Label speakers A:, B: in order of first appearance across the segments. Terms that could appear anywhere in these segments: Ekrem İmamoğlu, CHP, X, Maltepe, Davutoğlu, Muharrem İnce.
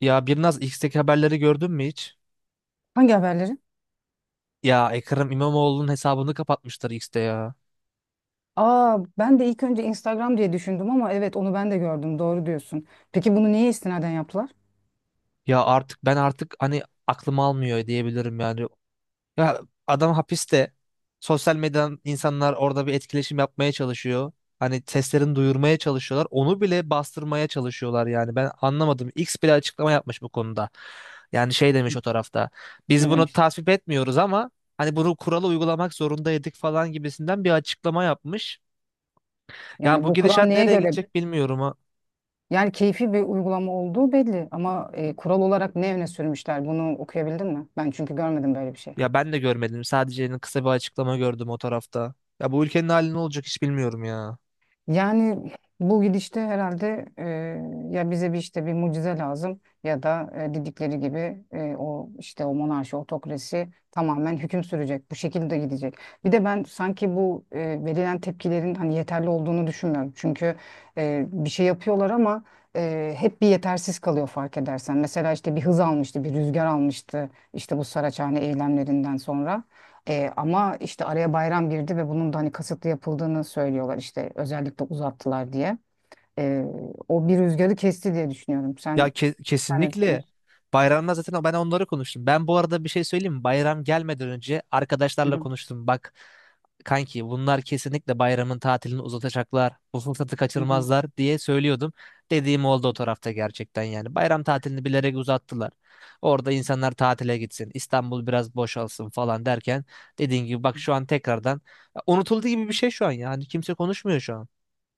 A: Ya Birnaz X'teki haberleri gördün mü hiç?
B: Hangi haberleri?
A: Ya Ekrem İmamoğlu'nun hesabını kapatmışlar X'te ya.
B: Aa, ben de ilk önce Instagram diye düşündüm ama evet onu ben de gördüm. Doğru diyorsun. Peki bunu neye istinaden yaptılar?
A: Ya artık ben hani aklım almıyor diyebilirim yani. Ya adam hapiste. Sosyal medyadan insanlar orada bir etkileşim yapmaya çalışıyor. Hani seslerini duyurmaya çalışıyorlar. Onu bile bastırmaya çalışıyorlar yani. Ben anlamadım. X bile açıklama yapmış bu konuda. Yani şey demiş o tarafta. Biz
B: Ne
A: bunu
B: demişler?
A: tasvip etmiyoruz ama hani bunu kuralı uygulamak zorundaydık falan gibisinden bir açıklama yapmış. Ya
B: Yani
A: bu
B: bu kural
A: gidişat
B: neye
A: nereye
B: göre?
A: gidecek bilmiyorum ha.
B: Yani keyfi bir uygulama olduğu belli ama kural olarak ne öne sürmüşler? Bunu okuyabildin mi? Ben çünkü görmedim böyle bir şey.
A: Ya ben de görmedim. Sadece kısa bir açıklama gördüm o tarafta. Ya bu ülkenin hali ne olacak hiç bilmiyorum ya.
B: Yani bu gidişte herhalde ya bize bir işte bir mucize lazım ya da dedikleri gibi o işte o monarşi, otokrasi tamamen hüküm sürecek. Bu şekilde gidecek. Bir de ben sanki bu verilen tepkilerin hani yeterli olduğunu düşünmüyorum. Çünkü bir şey yapıyorlar ama hep bir yetersiz kalıyor fark edersen. Mesela işte bir hız almıştı, bir rüzgar almıştı işte bu Saraçhane eylemlerinden sonra. Ama işte araya bayram girdi ve bunun da hani kasıtlı yapıldığını söylüyorlar işte özellikle uzattılar diye. E, O bir rüzgarı kesti diye düşünüyorum.
A: Ya
B: Sen,
A: ke-
B: sen ne
A: kesinlikle.
B: düşünüyorsun?
A: Bayramda zaten ben onları konuştum. Ben bu arada bir şey söyleyeyim mi? Bayram gelmeden önce
B: Hı
A: arkadaşlarla
B: hı.
A: konuştum. Bak kanki bunlar kesinlikle bayramın tatilini uzatacaklar. Bu fırsatı
B: Hı hı.
A: kaçırmazlar diye söylüyordum. Dediğim oldu o tarafta gerçekten yani. Bayram tatilini bilerek uzattılar. Orada insanlar tatile gitsin. İstanbul biraz boşalsın falan derken dediğin gibi bak şu an tekrardan unutulduğu gibi bir şey şu an yani kimse konuşmuyor şu an.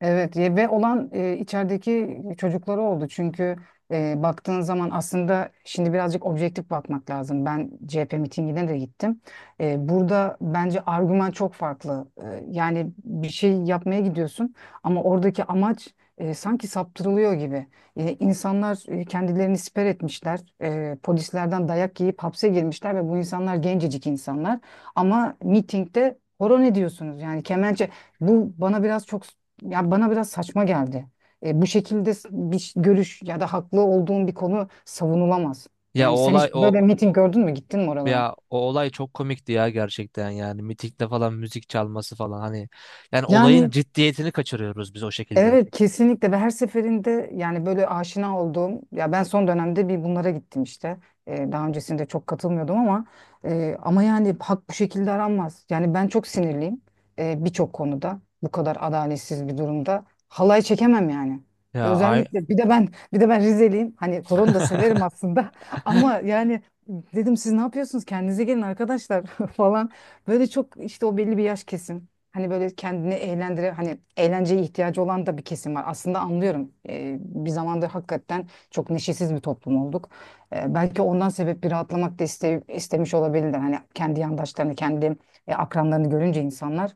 B: Evet ve olan içerideki çocukları oldu. Çünkü baktığın zaman aslında şimdi birazcık objektif bakmak lazım. Ben CHP mitingine de gittim. Burada bence argüman çok farklı. Yani bir şey yapmaya gidiyorsun ama oradaki amaç sanki saptırılıyor gibi. İnsanlar kendilerini siper etmişler. Polislerden dayak yiyip hapse girmişler ve bu insanlar gencecik insanlar. Ama mitingde horon ediyorsunuz. Yani kemençe bu bana biraz çok ya bana biraz saçma geldi. Bu şekilde görüş ya da haklı olduğun bir konu savunulamaz.
A: Ya o
B: Yani sen
A: olay
B: hiç
A: o
B: böyle miting gördün mü? Gittin mi oralara?
A: Ya o olay çok komikti ya gerçekten yani mitikte falan müzik çalması falan hani yani olayın
B: Yani
A: ciddiyetini kaçırıyoruz biz o şekilde.
B: Evet, kesinlikle ve her seferinde yani böyle aşina olduğum ya ben son dönemde bir bunlara gittim işte. Daha öncesinde çok katılmıyordum ama yani hak bu şekilde aranmaz. Yani ben çok sinirliyim birçok konuda bu kadar adaletsiz bir durumda halay çekemem yani.
A: Ya ay
B: Özellikle bir de ben Rizeliyim. Hani koronu da severim aslında ama yani dedim siz ne yapıyorsunuz kendinize gelin arkadaşlar falan. Böyle çok işte o belli bir yaş kesim. Hani böyle kendini eğlendire hani eğlenceye ihtiyacı olan da bir kesim var. Aslında anlıyorum. Bir zamanda hakikaten çok neşesiz bir toplum olduk. Belki ondan sebep bir rahatlamak da istemiş olabilirler. Hani kendi yandaşlarını, kendi akranlarını görünce insanlar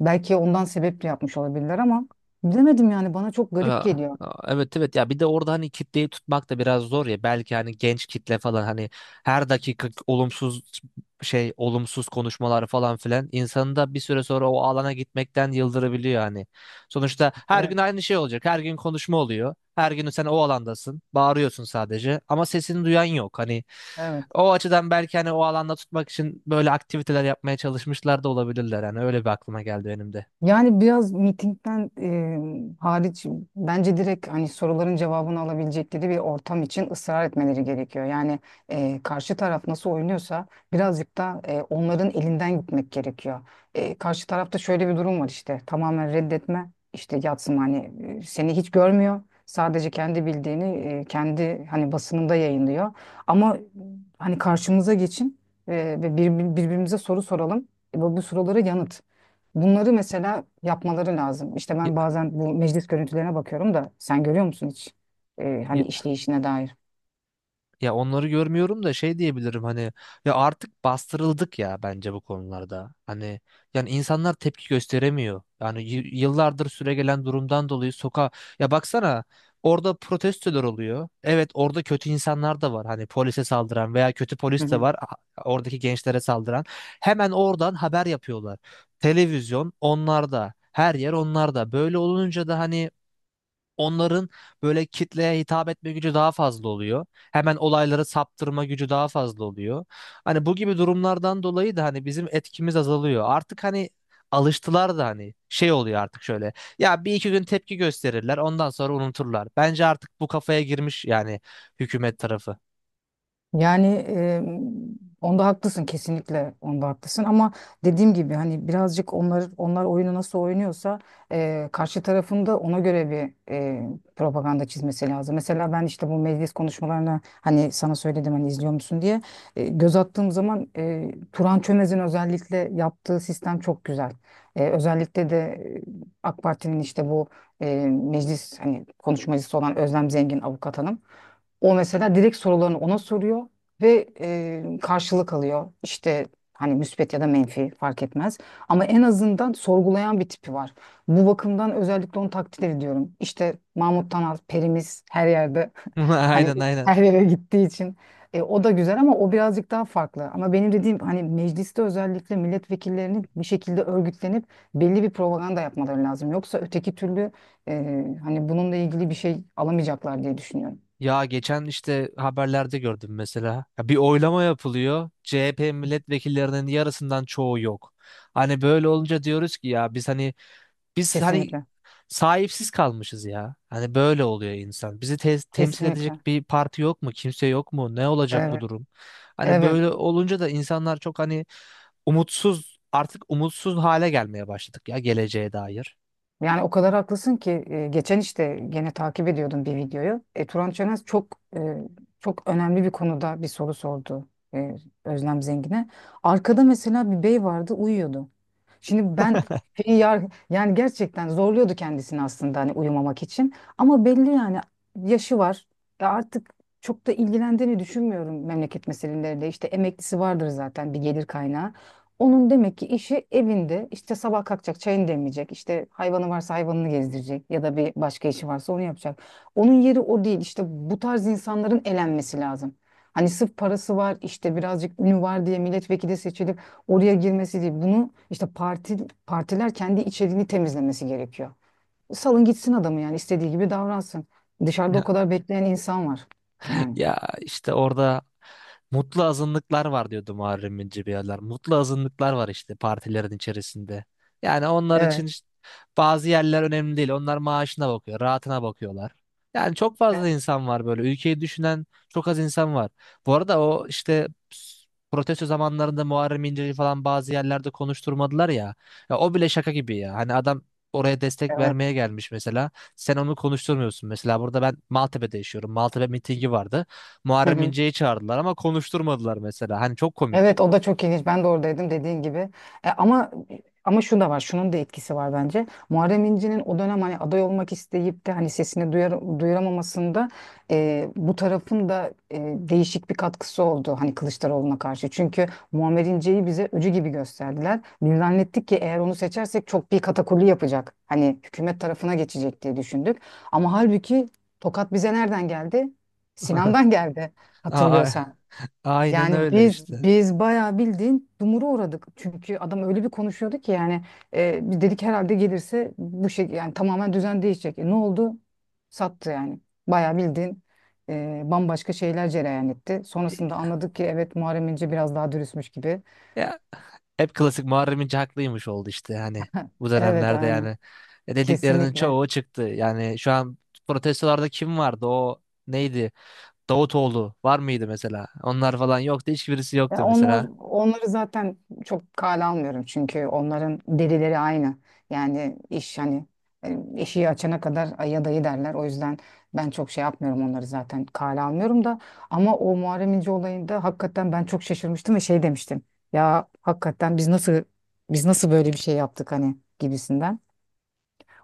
B: belki ondan sebep de yapmış olabilirler ama bilemedim yani bana çok garip
A: ya,
B: geliyor.
A: evet evet ya bir de orada hani kitleyi tutmak da biraz zor ya belki hani genç kitle falan hani her dakika olumsuz olumsuz konuşmalar falan filan insanı da bir süre sonra o alana gitmekten yıldırabiliyor hani. Sonuçta her gün
B: Evet.
A: aynı şey olacak, her gün konuşma oluyor, her gün sen o alandasın bağırıyorsun sadece ama sesini duyan yok hani.
B: Evet.
A: O açıdan belki hani o alanda tutmak için böyle aktiviteler yapmaya çalışmışlar da olabilirler. Yani öyle bir aklıma geldi benim de.
B: Yani biraz mitingden hariç bence direkt hani soruların cevabını alabilecekleri bir ortam için ısrar etmeleri gerekiyor. Yani karşı taraf nasıl oynuyorsa birazcık da onların elinden gitmek gerekiyor. Karşı tarafta şöyle bir durum var işte tamamen reddetme işte yatsın hani seni hiç görmüyor. Sadece kendi bildiğini kendi hani basınında yayınlıyor. Ama hani karşımıza geçin e, ve birbirimize soru soralım. Bu sorulara yanıt. Bunları mesela yapmaları lazım. İşte ben bazen bu meclis görüntülerine bakıyorum da sen görüyor musun hiç? Hani işleyişine dair.
A: Ya onları görmüyorum da şey diyebilirim hani ya artık bastırıldık ya bence bu konularda. Hani yani insanlar tepki gösteremiyor. Yani yıllardır süregelen durumdan dolayı sokağa ya baksana orada protestolar oluyor. Evet orada kötü insanlar da var. Hani polise saldıran veya kötü polis de var, oradaki gençlere saldıran. Hemen oradan haber yapıyorlar. Televizyon onlarda. Her yer onlarda. Böyle olunca da hani onların böyle kitleye hitap etme gücü daha fazla oluyor. Hemen olayları saptırma gücü daha fazla oluyor. Hani bu gibi durumlardan dolayı da hani bizim etkimiz azalıyor. Artık hani alıştılar da hani şey oluyor artık şöyle. Ya bir iki gün tepki gösterirler, ondan sonra unuturlar. Bence artık bu kafaya girmiş yani hükümet tarafı.
B: Yani onda haklısın, kesinlikle onda haklısın ama dediğim gibi hani birazcık onlar oyunu nasıl oynuyorsa karşı tarafın da ona göre bir propaganda çizmesi lazım. Mesela ben işte bu meclis konuşmalarına hani sana söyledim hani izliyor musun diye. Göz attığım zaman Turan Çömez'in özellikle yaptığı sistem çok güzel. Özellikle de AK Parti'nin işte bu meclis hani konuşmacısı olan Özlem Zengin avukat hanım. O mesela direkt sorularını ona soruyor ve karşılık alıyor. İşte hani müspet ya da menfi fark etmez. Ama en azından sorgulayan bir tipi var. Bu bakımdan özellikle onu takdir ediyorum. İşte Mahmut Tanal, perimiz her yerde hani
A: Aynen aynen.
B: her yere gittiği için. O da güzel ama o birazcık daha farklı. Ama benim dediğim hani mecliste özellikle milletvekillerinin bir şekilde örgütlenip belli bir propaganda yapmaları lazım. Yoksa öteki türlü hani bununla ilgili bir şey alamayacaklar diye düşünüyorum.
A: Ya geçen işte haberlerde gördüm mesela. Ya bir oylama yapılıyor. CHP milletvekillerinin yarısından çoğu yok. Hani böyle olunca diyoruz ki ya biz hani
B: Kesinlikle.
A: sahipsiz kalmışız ya. Hani böyle oluyor insan. Bizi temsil
B: Kesinlikle.
A: edecek bir parti yok mu? Kimse yok mu? Ne olacak bu
B: Evet.
A: durum? Hani
B: Evet.
A: böyle olunca da insanlar çok hani umutsuz, artık umutsuz hale gelmeye başladık ya geleceğe dair.
B: Yani o kadar haklısın ki geçen işte gene takip ediyordum bir videoyu. Turan Çönez çok e, çok önemli bir konuda bir soru sordu e, Özlem Zengin'e. Arkada mesela bir bey vardı uyuyordu. Şimdi ben şeyi yar- yani gerçekten zorluyordu kendisini aslında hani uyumamak için. Ama belli yani yaşı var. Ya artık çok da ilgilendiğini düşünmüyorum memleket meselelerinde. İşte emeklisi vardır zaten bir gelir kaynağı. Onun demek ki işi evinde, işte sabah kalkacak çayını demleyecek, işte hayvanı varsa hayvanını gezdirecek ya da bir başka işi varsa onu yapacak. Onun yeri o değil. İşte bu tarz insanların elenmesi lazım. Hani sırf parası var işte birazcık ünü var diye milletvekili seçilip oraya girmesi değil. Bunu işte partiler kendi içeriğini temizlemesi gerekiyor. Salın gitsin adamı yani, istediği gibi davransın. Dışarıda o kadar bekleyen insan var yani.
A: Ya işte orada mutlu azınlıklar var diyordu Muharrem İnce bir yerler. Mutlu azınlıklar var işte partilerin içerisinde. Yani onlar
B: Evet,
A: için işte bazı yerler önemli değil. Onlar maaşına bakıyor, rahatına bakıyorlar. Yani çok fazla
B: evet,
A: insan var böyle. Ülkeyi düşünen çok az insan var. Bu arada o işte protesto zamanlarında Muharrem İnce'yi falan bazı yerlerde konuşturmadılar ya. Ya o bile şaka gibi ya. Hani adam oraya destek
B: evet.
A: vermeye gelmiş mesela. Sen onu konuşturmuyorsun. Mesela burada ben Maltepe'de yaşıyorum. Maltepe mitingi vardı.
B: Hı
A: Muharrem
B: hı.
A: İnce'yi çağırdılar ama konuşturmadılar mesela. Hani çok komik.
B: Evet, o da çok ilginç. Ben de oradaydım dediğin gibi. E, ama Ama şu da var. Şunun da etkisi var bence. Muharrem İnce'nin o dönem hani aday olmak isteyip de hani sesini duyuramamasında bu tarafın da değişik bir katkısı oldu hani Kılıçdaroğlu'na karşı. Çünkü Muammer İnce'yi bize öcü gibi gösterdiler. Biz zannettik ki eğer onu seçersek çok bir katakulli yapacak. Hani hükümet tarafına geçecek diye düşündük. Ama halbuki tokat bize nereden geldi? Sinan'dan geldi,
A: Aa,
B: hatırlıyorsan.
A: aynen
B: Yani
A: öyle
B: biz
A: işte.
B: biz bayağı bildiğin dumura uğradık. Çünkü adam öyle bir konuşuyordu ki yani biz dedik herhalde gelirse bu şey yani tamamen düzen değişecek. Ne oldu? Sattı yani. Bayağı bildiğin bambaşka şeyler cereyan etti. Sonrasında anladık ki evet, Muharrem İnce biraz daha dürüstmüş gibi.
A: Ya hep klasik Muharrem İnce haklıymış oldu işte hani bu
B: Evet
A: dönemlerde
B: aynı
A: yani. Dediklerinin
B: Kesinlikle.
A: çoğu çıktı. Yani şu an protestolarda kim vardı? O neydi? Davutoğlu var mıydı mesela? Onlar falan yoktu. Hiçbirisi
B: Ya
A: yoktu
B: onlar,
A: mesela.
B: onları zaten çok kale almıyorum çünkü onların derileri aynı. Yani iş hani eşiği açana kadar aya dayı derler. O yüzden ben çok şey yapmıyorum, onları zaten kale almıyorum da ama o Muharrem İnce olayında hakikaten ben çok şaşırmıştım ve şey demiştim. Ya hakikaten biz nasıl Biz nasıl böyle bir şey yaptık hani gibisinden.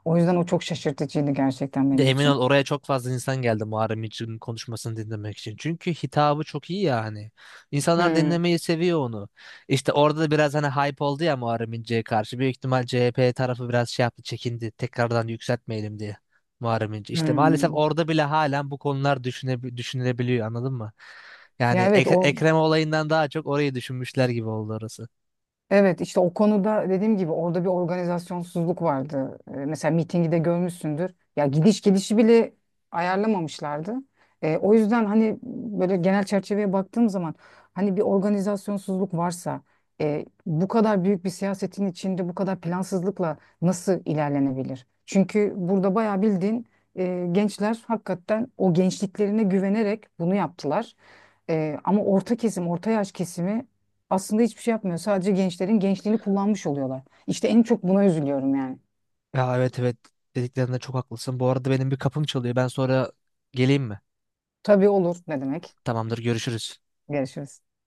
B: O yüzden o çok şaşırtıcıydı gerçekten
A: De
B: benim
A: emin ol
B: için.
A: oraya çok fazla insan geldi Muharrem İnce'nin konuşmasını dinlemek için. Çünkü hitabı çok iyi yani. İnsanlar
B: Hmm.
A: dinlemeyi seviyor onu. İşte orada da biraz hani hype oldu ya Muharrem İnce'ye karşı. Büyük ihtimal CHP tarafı biraz şey yaptı, çekindi. Tekrardan yükseltmeyelim diye Muharrem İnce. İşte maalesef
B: Hmm.
A: orada bile halen bu konular düşünülebiliyor, anladın mı?
B: Ya
A: Yani
B: evet o
A: Ekrem olayından daha çok orayı düşünmüşler gibi oldu orası.
B: Evet, işte o konuda dediğim gibi orada bir organizasyonsuzluk vardı. Mesela mitingi de görmüşsündür. Ya gidiş gelişi bile ayarlamamışlardı. O yüzden hani böyle genel çerçeveye baktığım zaman hani bir organizasyonsuzluk varsa bu kadar büyük bir siyasetin içinde bu kadar plansızlıkla nasıl ilerlenebilir? Çünkü burada bayağı bildiğin gençler hakikaten o gençliklerine güvenerek bunu yaptılar. Ama orta kesim, orta yaş kesimi aslında hiçbir şey yapmıyor. Sadece gençlerin gençliğini kullanmış oluyorlar. İşte en çok buna üzülüyorum yani.
A: Ya evet evet dediklerinde çok haklısın. Bu arada benim bir kapım çalıyor. Ben sonra geleyim mi?
B: Tabii, olur ne demek.
A: Tamamdır, görüşürüz.
B: Görüşürüz.